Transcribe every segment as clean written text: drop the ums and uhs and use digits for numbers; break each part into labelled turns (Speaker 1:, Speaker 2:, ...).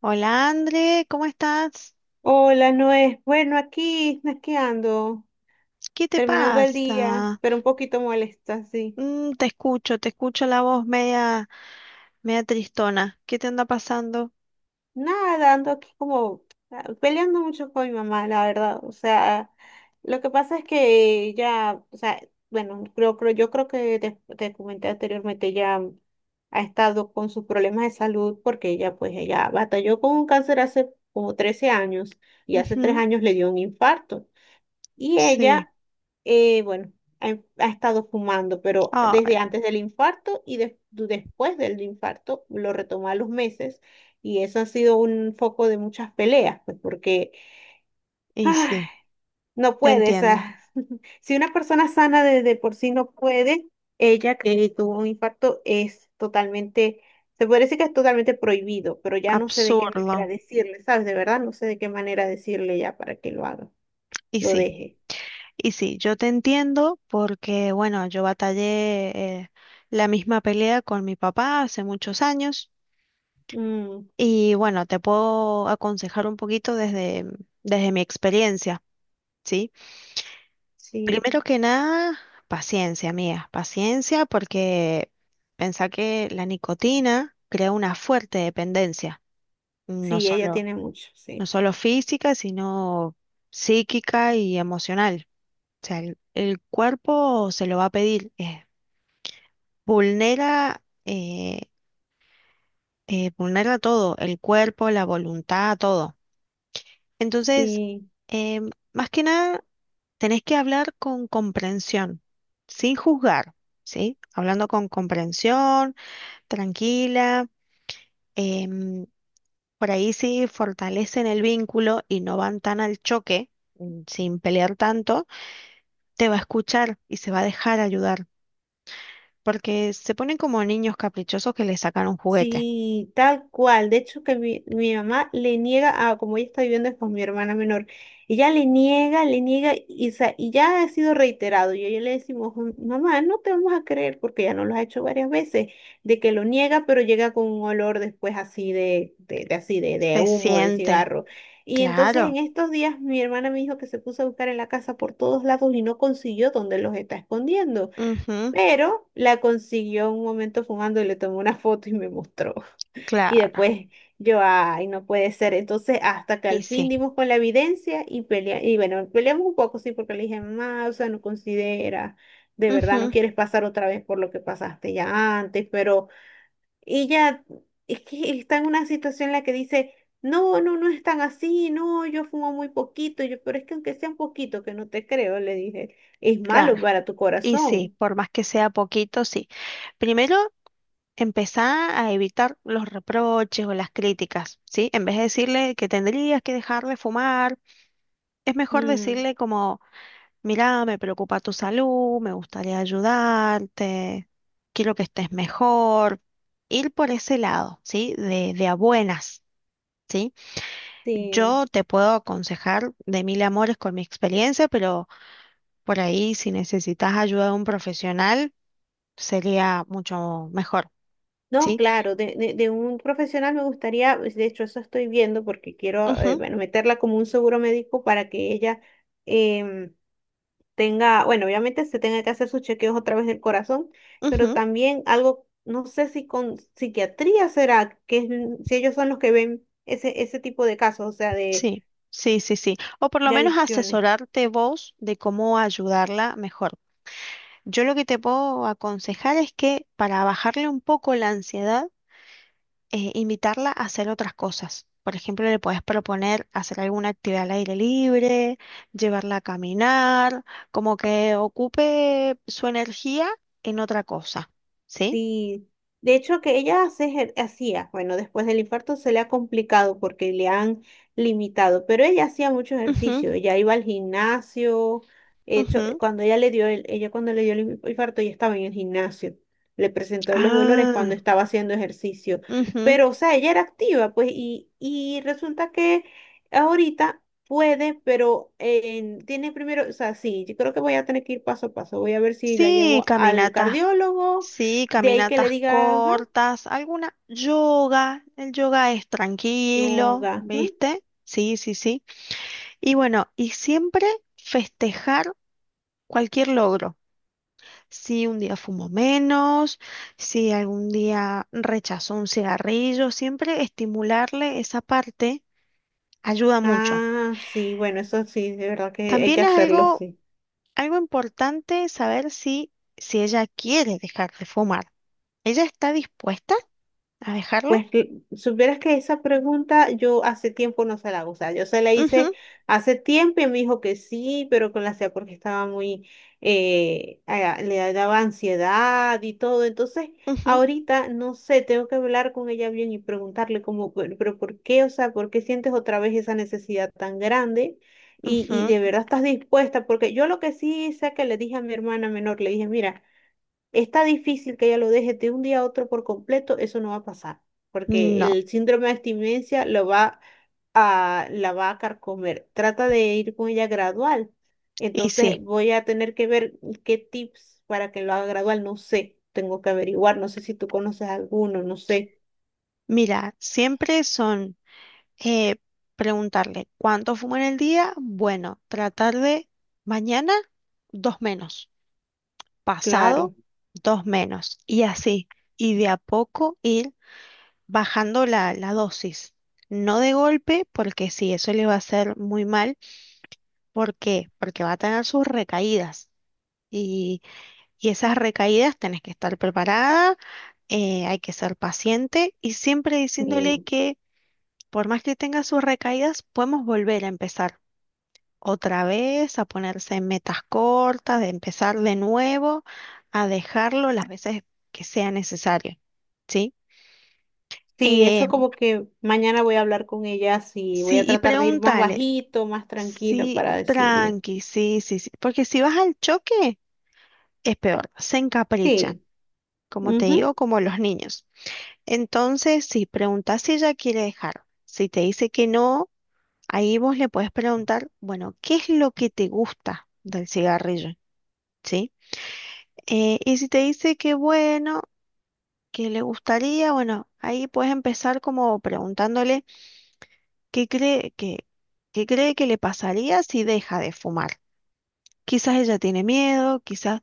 Speaker 1: Hola André, ¿cómo estás?
Speaker 2: Hola, Noé. Bueno, aquí ando,
Speaker 1: ¿Qué te
Speaker 2: terminando el día,
Speaker 1: pasa?
Speaker 2: pero un poquito molesta, sí.
Speaker 1: Mm, te escucho la voz media, media tristona. ¿Qué te anda pasando?
Speaker 2: Nada, ando aquí como peleando mucho con mi mamá, la verdad. O sea, lo que pasa es que ya, o sea, bueno, yo creo que te comenté anteriormente, ya ha estado con sus problemas de salud porque ella batalló con un cáncer hace como 13 años y hace 3
Speaker 1: Ujú,
Speaker 2: años le dio un infarto. Y
Speaker 1: sí.
Speaker 2: ella, bueno, ha estado fumando, pero desde
Speaker 1: Ay,
Speaker 2: antes del infarto y después del infarto lo retomó a los meses. Y eso ha sido un foco de muchas peleas, pues porque
Speaker 1: y
Speaker 2: ah,
Speaker 1: sí,
Speaker 2: no
Speaker 1: te
Speaker 2: puede.
Speaker 1: entiendo.
Speaker 2: Si una persona sana de por sí no puede, ella que tuvo un infarto es totalmente, se puede decir que es totalmente prohibido, pero ya no sé de qué manera
Speaker 1: Absurdo.
Speaker 2: decirle, ¿sabes? De verdad no sé de qué manera decirle ya para que lo haga,
Speaker 1: Y
Speaker 2: lo
Speaker 1: sí,
Speaker 2: deje.
Speaker 1: y sí, yo te entiendo porque, bueno, yo batallé la misma pelea con mi papá hace muchos años
Speaker 2: Mm,
Speaker 1: y, bueno, te puedo aconsejar un poquito desde, desde mi experiencia, ¿sí?
Speaker 2: sí.
Speaker 1: Primero que nada, paciencia, amiga, paciencia porque pensá que la nicotina crea una fuerte dependencia, no
Speaker 2: Sí, ella
Speaker 1: solo,
Speaker 2: tiene mucho,
Speaker 1: no
Speaker 2: sí.
Speaker 1: solo física, sino psíquica y emocional. O sea, el cuerpo se lo va a pedir, vulnera, vulnera todo, el cuerpo, la voluntad, todo. Entonces,
Speaker 2: Sí,
Speaker 1: más que nada tenés que hablar con comprensión, sin juzgar, ¿sí? Hablando con comprensión, tranquila. em, por ahí sí fortalecen el vínculo y no van tan al choque, mm, sin pelear tanto, te va a escuchar y se va a dejar ayudar, porque se ponen como niños caprichosos que le sacan un juguete.
Speaker 2: sí, tal cual. De hecho, que mi mamá le niega a, como ella está viviendo con mi hermana menor, ella le niega, y, o sea, y ya ha sido reiterado. Y a ella le decimos, "Mm, mamá, no te vamos a creer, porque ya nos lo ha hecho varias veces, de que lo niega, pero llega con un olor después así de así de
Speaker 1: Se
Speaker 2: humo, de
Speaker 1: siente,
Speaker 2: cigarro." Y entonces en
Speaker 1: claro,
Speaker 2: estos días mi hermana me dijo que se puso a buscar en la casa por todos lados y no consiguió donde los está escondiendo.
Speaker 1: ujú,
Speaker 2: Pero la consiguió un momento fumando y le tomó una foto y me mostró. Y
Speaker 1: claro,
Speaker 2: después yo, ay, no puede ser. Entonces, hasta que
Speaker 1: y
Speaker 2: al fin
Speaker 1: sí,
Speaker 2: dimos con la evidencia y pelea, y bueno, peleamos un poco, sí, porque le dije, mamá, o sea, no considera, de verdad, no
Speaker 1: ujú,
Speaker 2: quieres pasar otra vez por lo que pasaste ya antes, pero ella es que está en una situación en la que dice, no, no, no es tan así, no, yo fumo muy poquito. Y yo, pero es que aunque sea un poquito, que no te creo, le dije, es
Speaker 1: claro,
Speaker 2: malo para tu
Speaker 1: y sí,
Speaker 2: corazón.
Speaker 1: por más que sea poquito, sí. Primero empezá a evitar los reproches o las críticas, ¿sí? En vez de decirle que tendrías que dejar de fumar, es mejor
Speaker 2: Mm.
Speaker 1: decirle como, mirá, me preocupa tu salud, me gustaría ayudarte, quiero que estés mejor. Ir por ese lado, ¿sí? De a buenas, ¿sí?
Speaker 2: Sí,
Speaker 1: Yo te puedo aconsejar de mil amores con mi experiencia, pero por ahí si necesitas ayuda de un profesional, sería mucho mejor,
Speaker 2: no,
Speaker 1: ¿sí?
Speaker 2: claro, de un profesional me gustaría, pues, de hecho eso estoy viendo porque quiero,
Speaker 1: Ujú,
Speaker 2: bueno, meterla como un seguro médico para que ella em, tenga, bueno, obviamente se tenga que hacer sus chequeos otra vez del corazón, pero
Speaker 1: ujú.
Speaker 2: también algo, no sé si con psiquiatría será, si ellos son los que ven ese, tipo de casos, o sea, de,
Speaker 1: Sí, sí, sí, sí. O por lo
Speaker 2: de
Speaker 1: menos
Speaker 2: adicciones.
Speaker 1: asesorarte vos de cómo ayudarla mejor. Yo lo que te puedo aconsejar es que para bajarle un poco la ansiedad, invitarla a hacer otras cosas. Por ejemplo, le puedes proponer hacer alguna actividad al aire libre, llevarla a caminar, como que ocupe su energía en otra cosa. ¿Sí?
Speaker 2: Sí, de hecho que ella hacía, bueno, después del infarto se le ha complicado porque le han limitado, pero ella hacía mucho
Speaker 1: Ujú,
Speaker 2: ejercicio, ella iba al gimnasio, hecho,
Speaker 1: ujú.
Speaker 2: cuando ella cuando le dio el infarto ya estaba en el gimnasio, le presentó los dolores
Speaker 1: Ah,
Speaker 2: cuando estaba haciendo ejercicio,
Speaker 1: ujú.
Speaker 2: pero o sea, ella era activa, pues, y resulta que ahorita puede, pero tiene primero, o sea, sí, yo creo que voy a tener que ir paso a paso, voy a ver si la
Speaker 1: Sí,
Speaker 2: llevo al
Speaker 1: caminata.
Speaker 2: cardiólogo
Speaker 1: Sí,
Speaker 2: de ahí que le
Speaker 1: caminatas
Speaker 2: diga, ajá,
Speaker 1: cortas, alguna yoga, el yoga es tranquilo,
Speaker 2: yoga. Ujú.
Speaker 1: ¿viste? Sí, sí, sí. Y bueno, y siempre festejar cualquier logro. Si un día fumo menos, si algún día rechazo un cigarrillo, siempre estimularle esa parte ayuda mucho.
Speaker 2: Ah, sí, bueno, eso sí, de verdad que hay que
Speaker 1: También es
Speaker 2: hacerlo,
Speaker 1: algo,
Speaker 2: sí.
Speaker 1: algo importante saber si, si ella quiere dejar de fumar. ¿Ella está dispuesta a dejarlo?
Speaker 2: Pues que- Supieras que esa pregunta yo hace tiempo no se la hago, o sea, yo se la hice
Speaker 1: Ujú,
Speaker 2: hace tiempo y me dijo que sí, pero que la hacía porque estaba muy, le daba ansiedad y todo, entonces
Speaker 1: ujú.
Speaker 2: ahorita no sé, tengo que hablar con ella bien y preguntarle como, pero ¿por qué? O sea, ¿por qué sientes otra vez esa necesidad tan grande? Y
Speaker 1: Ujú,
Speaker 2: de verdad estás dispuesta, porque yo lo que sí sé que le dije a mi hermana menor, le dije, mira, está difícil que ella lo deje de un día a otro por completo, eso no va a pasar, porque
Speaker 1: no,
Speaker 2: el síndrome de abstinencia la va a carcomer. Trata de ir con ella gradual.
Speaker 1: y sí,
Speaker 2: Entonces voy a tener que ver qué tips para que lo haga gradual, no sé, tengo que averiguar, no sé si tú conoces alguno, no sé,
Speaker 1: mira, siempre son eh, preguntarle cuánto fumo en el día, bueno, tratar de mañana dos menos, pasado
Speaker 2: claro.
Speaker 1: dos menos, y así, y de a poco ir bajando la, la dosis. No de golpe, porque sí, eso le va a hacer muy mal. ¿Por qué? Porque va a tener sus recaídas. Y esas recaídas tenés que estar preparada, hay que ser paciente y siempre diciéndole
Speaker 2: Sí,
Speaker 1: que por más que tenga sus recaídas, podemos volver a empezar otra vez, a ponerse metas cortas, de empezar de nuevo, a dejarlo las veces que sea necesario, ¿sí?
Speaker 2: sí,
Speaker 1: Eh,
Speaker 2: eso como que mañana voy a hablar con ella, sí, voy
Speaker 1: sí,
Speaker 2: a
Speaker 1: y
Speaker 2: tratar de ir más
Speaker 1: pregúntale,
Speaker 2: bajito, más tranquila
Speaker 1: sí,
Speaker 2: para decirle.
Speaker 1: tranqui, sí, sí, sí, porque si vas al choque es peor, se encaprichan,
Speaker 2: Sí.
Speaker 1: como te digo,
Speaker 2: Ujú.
Speaker 1: como los niños. Entonces, si preguntas si ella quiere dejar, si te dice que no, ahí vos le puedes preguntar, bueno, ¿qué es lo que te gusta del cigarrillo? ¿Sí? Y si te dice que bueno, que le gustaría, bueno, ahí puedes empezar como preguntándole qué cree que, qué cree que le pasaría si deja de fumar. Quizás ella tiene miedo, quizás,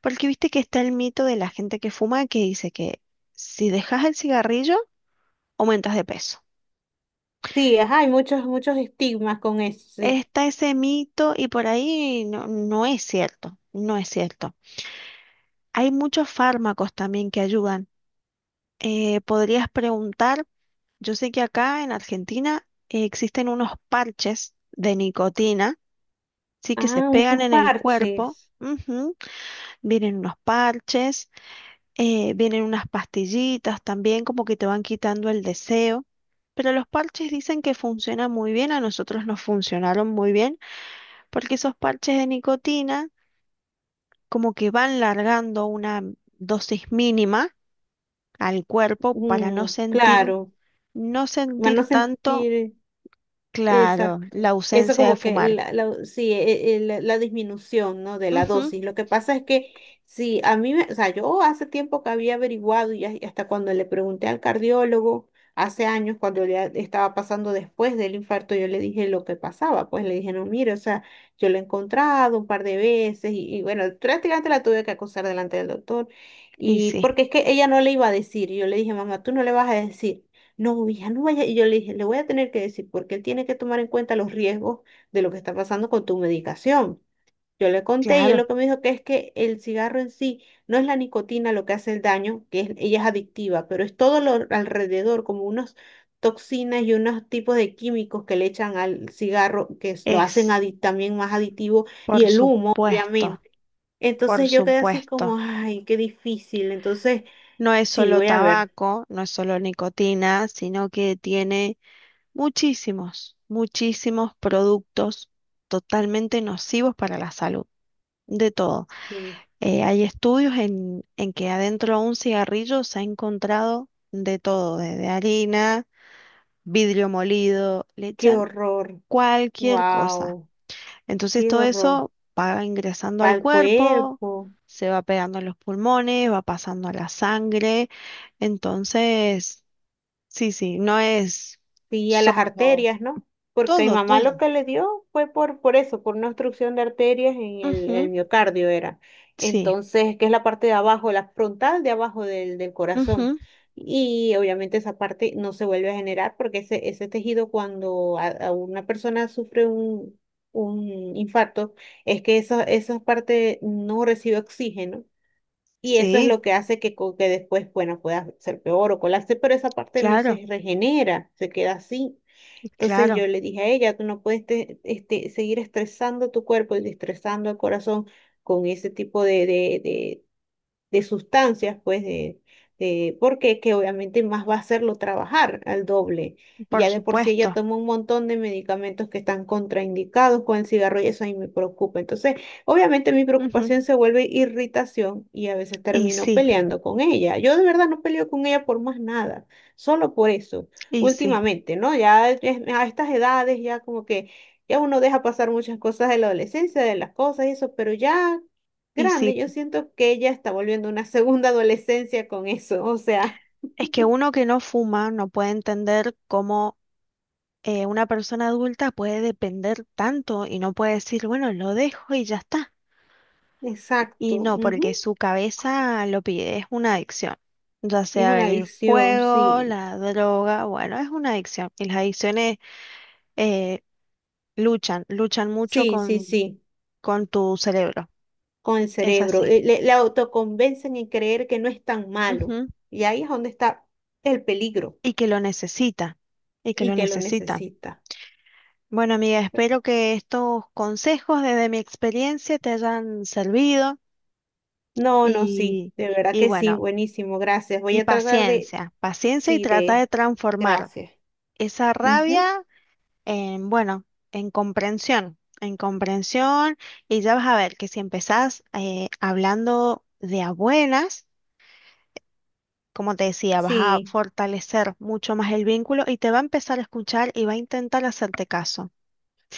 Speaker 1: porque viste que está el mito de la gente que fuma que dice que si dejas el cigarrillo, aumentas de peso.
Speaker 2: Sí, ajá, hay muchos, muchos estigmas con eso, sí.
Speaker 1: Está ese mito y por ahí no, no es cierto, no es cierto. Hay muchos fármacos también que ayudan. Podrías preguntar, yo sé que acá en Argentina existen unos parches de nicotina, sí que se
Speaker 2: Ah,
Speaker 1: pegan
Speaker 2: unos
Speaker 1: en el cuerpo.
Speaker 2: parches.
Speaker 1: Ujú, vienen unos parches, vienen unas pastillitas también como que te van quitando el deseo. Pero los parches dicen que funcionan muy bien, a nosotros nos funcionaron muy bien porque esos parches de nicotina como que van largando una dosis mínima al cuerpo para no
Speaker 2: Mm,
Speaker 1: sentir,
Speaker 2: claro.
Speaker 1: no
Speaker 2: Van a
Speaker 1: sentir tanto,
Speaker 2: sentir.
Speaker 1: claro,
Speaker 2: Exacto.
Speaker 1: la
Speaker 2: Eso
Speaker 1: ausencia de
Speaker 2: como que
Speaker 1: fumar.
Speaker 2: sí, la disminución, ¿no? De la
Speaker 1: Ujú,
Speaker 2: dosis. Lo que pasa es que sí, a mí, o sea, yo hace tiempo que había averiguado y hasta cuando le pregunté al cardiólogo, hace años, cuando ya estaba pasando después del infarto, yo le dije lo que pasaba. Pues le dije, no, mire, o sea, yo lo he encontrado un par de veces y bueno, prácticamente la tuve que acusar delante del doctor.
Speaker 1: y
Speaker 2: Y
Speaker 1: sí,
Speaker 2: porque es que ella no le iba a decir, y yo le dije, mamá, tú no le vas a decir. No, hija, no vaya. Y yo le dije, le voy a tener que decir porque él tiene que tomar en cuenta los riesgos de lo que está pasando con tu medicación. Yo le conté y él
Speaker 1: claro,
Speaker 2: lo que me dijo que es que el cigarro en sí no es la nicotina lo que hace el daño, ella es adictiva, pero es todo lo alrededor, como unas toxinas y unos tipos de químicos que le echan al cigarro lo hacen
Speaker 1: es,
Speaker 2: también más adictivo y
Speaker 1: por
Speaker 2: el humo,
Speaker 1: supuesto,
Speaker 2: obviamente.
Speaker 1: por
Speaker 2: Entonces yo quedé así
Speaker 1: supuesto.
Speaker 2: como, ay, qué difícil. Entonces,
Speaker 1: No es
Speaker 2: sí,
Speaker 1: solo
Speaker 2: voy a ver.
Speaker 1: tabaco, no es solo nicotina, sino que tiene muchísimos, muchísimos productos totalmente nocivos para la salud, de todo.
Speaker 2: Sí,
Speaker 1: Hay estudios en que adentro de un cigarrillo se ha encontrado de todo, desde harina, vidrio molido, le
Speaker 2: qué
Speaker 1: echan
Speaker 2: horror.
Speaker 1: cualquier cosa.
Speaker 2: Wow,
Speaker 1: Entonces
Speaker 2: qué
Speaker 1: todo
Speaker 2: horror.
Speaker 1: eso va ingresando al
Speaker 2: Al
Speaker 1: cuerpo,
Speaker 2: cuerpo
Speaker 1: se va pegando en los pulmones, va pasando a la sangre. Entonces, sí, sí, no es
Speaker 2: y a las
Speaker 1: solo
Speaker 2: arterias, ¿no? Porque a mi
Speaker 1: todo,
Speaker 2: mamá lo
Speaker 1: todo.
Speaker 2: que le dio fue por eso, por una obstrucción de arterias en el,
Speaker 1: Ujú,
Speaker 2: el miocardio era.
Speaker 1: sí,
Speaker 2: Entonces, que es la parte de abajo, la frontal de abajo del corazón.
Speaker 1: ujú,
Speaker 2: Y obviamente esa parte no se vuelve a generar porque ese tejido cuando a una persona sufre un infarto, es que esa parte no recibe oxígeno. Y eso es
Speaker 1: sí,
Speaker 2: lo que hace que, que después, bueno, pueda ser peor o colarse, pero esa parte no
Speaker 1: claro,
Speaker 2: se regenera, se queda así. Entonces
Speaker 1: claro,
Speaker 2: yo le dije a ella, tú no puedes seguir estresando tu cuerpo y estresando el corazón con ese tipo de sustancias, pues, porque que obviamente más va a hacerlo trabajar al doble. Y
Speaker 1: por
Speaker 2: ya de por sí ella
Speaker 1: supuesto.
Speaker 2: toma un montón de medicamentos que están contraindicados con el cigarro y eso a mí me preocupa. Entonces, obviamente mi
Speaker 1: Ujú,
Speaker 2: preocupación se vuelve irritación y a veces
Speaker 1: y
Speaker 2: termino
Speaker 1: sí.
Speaker 2: peleando con ella. Yo de verdad no peleo con ella por más nada, solo por eso,
Speaker 1: Y sí,
Speaker 2: últimamente, ¿no? Ya a estas edades ya como que... Ya uno deja pasar muchas cosas de la adolescencia, de las cosas y eso, pero ya
Speaker 1: y sí,
Speaker 2: grande. Yo siento que ella está volviendo una segunda adolescencia con eso. O sea,
Speaker 1: es que uno que no fuma no puede entender cómo una persona adulta puede depender tanto y no puede decir, bueno, lo dejo y ya está. Y
Speaker 2: exacto.
Speaker 1: no, porque
Speaker 2: Ujú.
Speaker 1: su cabeza lo pide, es una adicción. Ya
Speaker 2: Es
Speaker 1: sea
Speaker 2: una
Speaker 1: el
Speaker 2: adicción,
Speaker 1: juego,
Speaker 2: sí.
Speaker 1: la droga, bueno, es una adicción. Y las adicciones eh, luchan, luchan mucho
Speaker 2: Sí, sí, sí.
Speaker 1: con tu cerebro.
Speaker 2: Con el
Speaker 1: Es
Speaker 2: cerebro.
Speaker 1: así.
Speaker 2: Le autoconvencen en creer que no es tan malo.
Speaker 1: Ujú.
Speaker 2: Y ahí es donde está el peligro
Speaker 1: Y que lo necesita, y que
Speaker 2: y
Speaker 1: lo
Speaker 2: que lo
Speaker 1: necesita.
Speaker 2: necesita.
Speaker 1: Bueno, amiga, espero que estos consejos desde mi experiencia te hayan servido
Speaker 2: No, no, sí.
Speaker 1: y,
Speaker 2: De verdad
Speaker 1: y
Speaker 2: que sí.
Speaker 1: bueno,
Speaker 2: Buenísimo. Gracias. Voy
Speaker 1: y
Speaker 2: a tratar de.
Speaker 1: paciencia, paciencia y
Speaker 2: Sí,
Speaker 1: trata de
Speaker 2: de.
Speaker 1: transformar
Speaker 2: Gracias.
Speaker 1: esa
Speaker 2: Ujú.
Speaker 1: rabia en, bueno, en comprensión y ya vas a ver que si empezás hablando de a buenas, como te decía, vas a
Speaker 2: Sí.
Speaker 1: fortalecer mucho más el vínculo y te va a empezar a escuchar y va a intentar hacerte caso.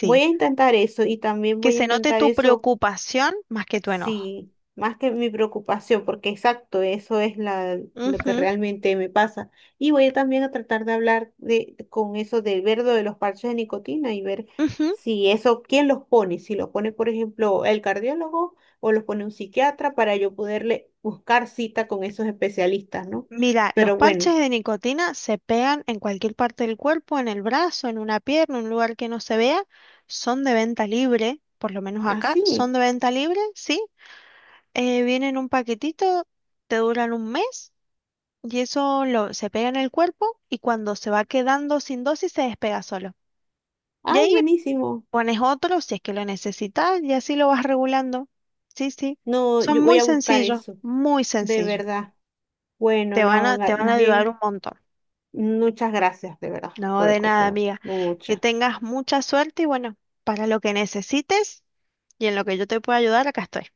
Speaker 2: Voy a intentar eso y también
Speaker 1: que
Speaker 2: voy a
Speaker 1: se note
Speaker 2: intentar
Speaker 1: tu
Speaker 2: eso.
Speaker 1: preocupación más que tu enojo.
Speaker 2: Sí, más que mi preocupación, porque exacto, eso es lo que
Speaker 1: Ujú,
Speaker 2: realmente me pasa. Y voy a también a tratar de hablar con eso del verdo de los parches de nicotina y ver
Speaker 1: ujú.
Speaker 2: si eso, quién los pone, si los pone, por ejemplo, el cardiólogo o los pone un psiquiatra para yo poderle buscar cita con esos especialistas, ¿no?
Speaker 1: Mira, los
Speaker 2: Pero bueno,
Speaker 1: parches de nicotina se pegan en cualquier parte del cuerpo, en el brazo, en una pierna, un lugar que no se vea. Son de venta libre, por lo menos acá, son
Speaker 2: así.
Speaker 1: de venta libre, sí. Vienen en un paquetito, te duran un mes y eso lo, se pega en el cuerpo y cuando se va quedando sin dosis se despega solo. Y
Speaker 2: Ay,
Speaker 1: ahí
Speaker 2: buenísimo.
Speaker 1: pones otro si es que lo necesitas y así lo vas regulando. Sí, sí.
Speaker 2: No,
Speaker 1: Son
Speaker 2: yo voy
Speaker 1: muy
Speaker 2: a buscar
Speaker 1: sencillos,
Speaker 2: eso,
Speaker 1: muy
Speaker 2: de
Speaker 1: sencillos.
Speaker 2: verdad. Bueno, no,
Speaker 1: Te van a
Speaker 2: más
Speaker 1: ayudar
Speaker 2: bien.
Speaker 1: un montón.
Speaker 2: Muchas gracias, de verdad,
Speaker 1: No,
Speaker 2: por el
Speaker 1: de nada,
Speaker 2: consejo.
Speaker 1: amiga. Que
Speaker 2: Muchas.
Speaker 1: tengas mucha suerte y bueno, para lo que necesites y en lo que yo te pueda ayudar, acá estoy.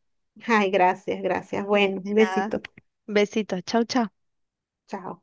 Speaker 2: Ay, gracias, gracias.
Speaker 1: De
Speaker 2: Bueno, un
Speaker 1: nada.
Speaker 2: besito.
Speaker 1: Besitos. Chau, chau.
Speaker 2: Chao.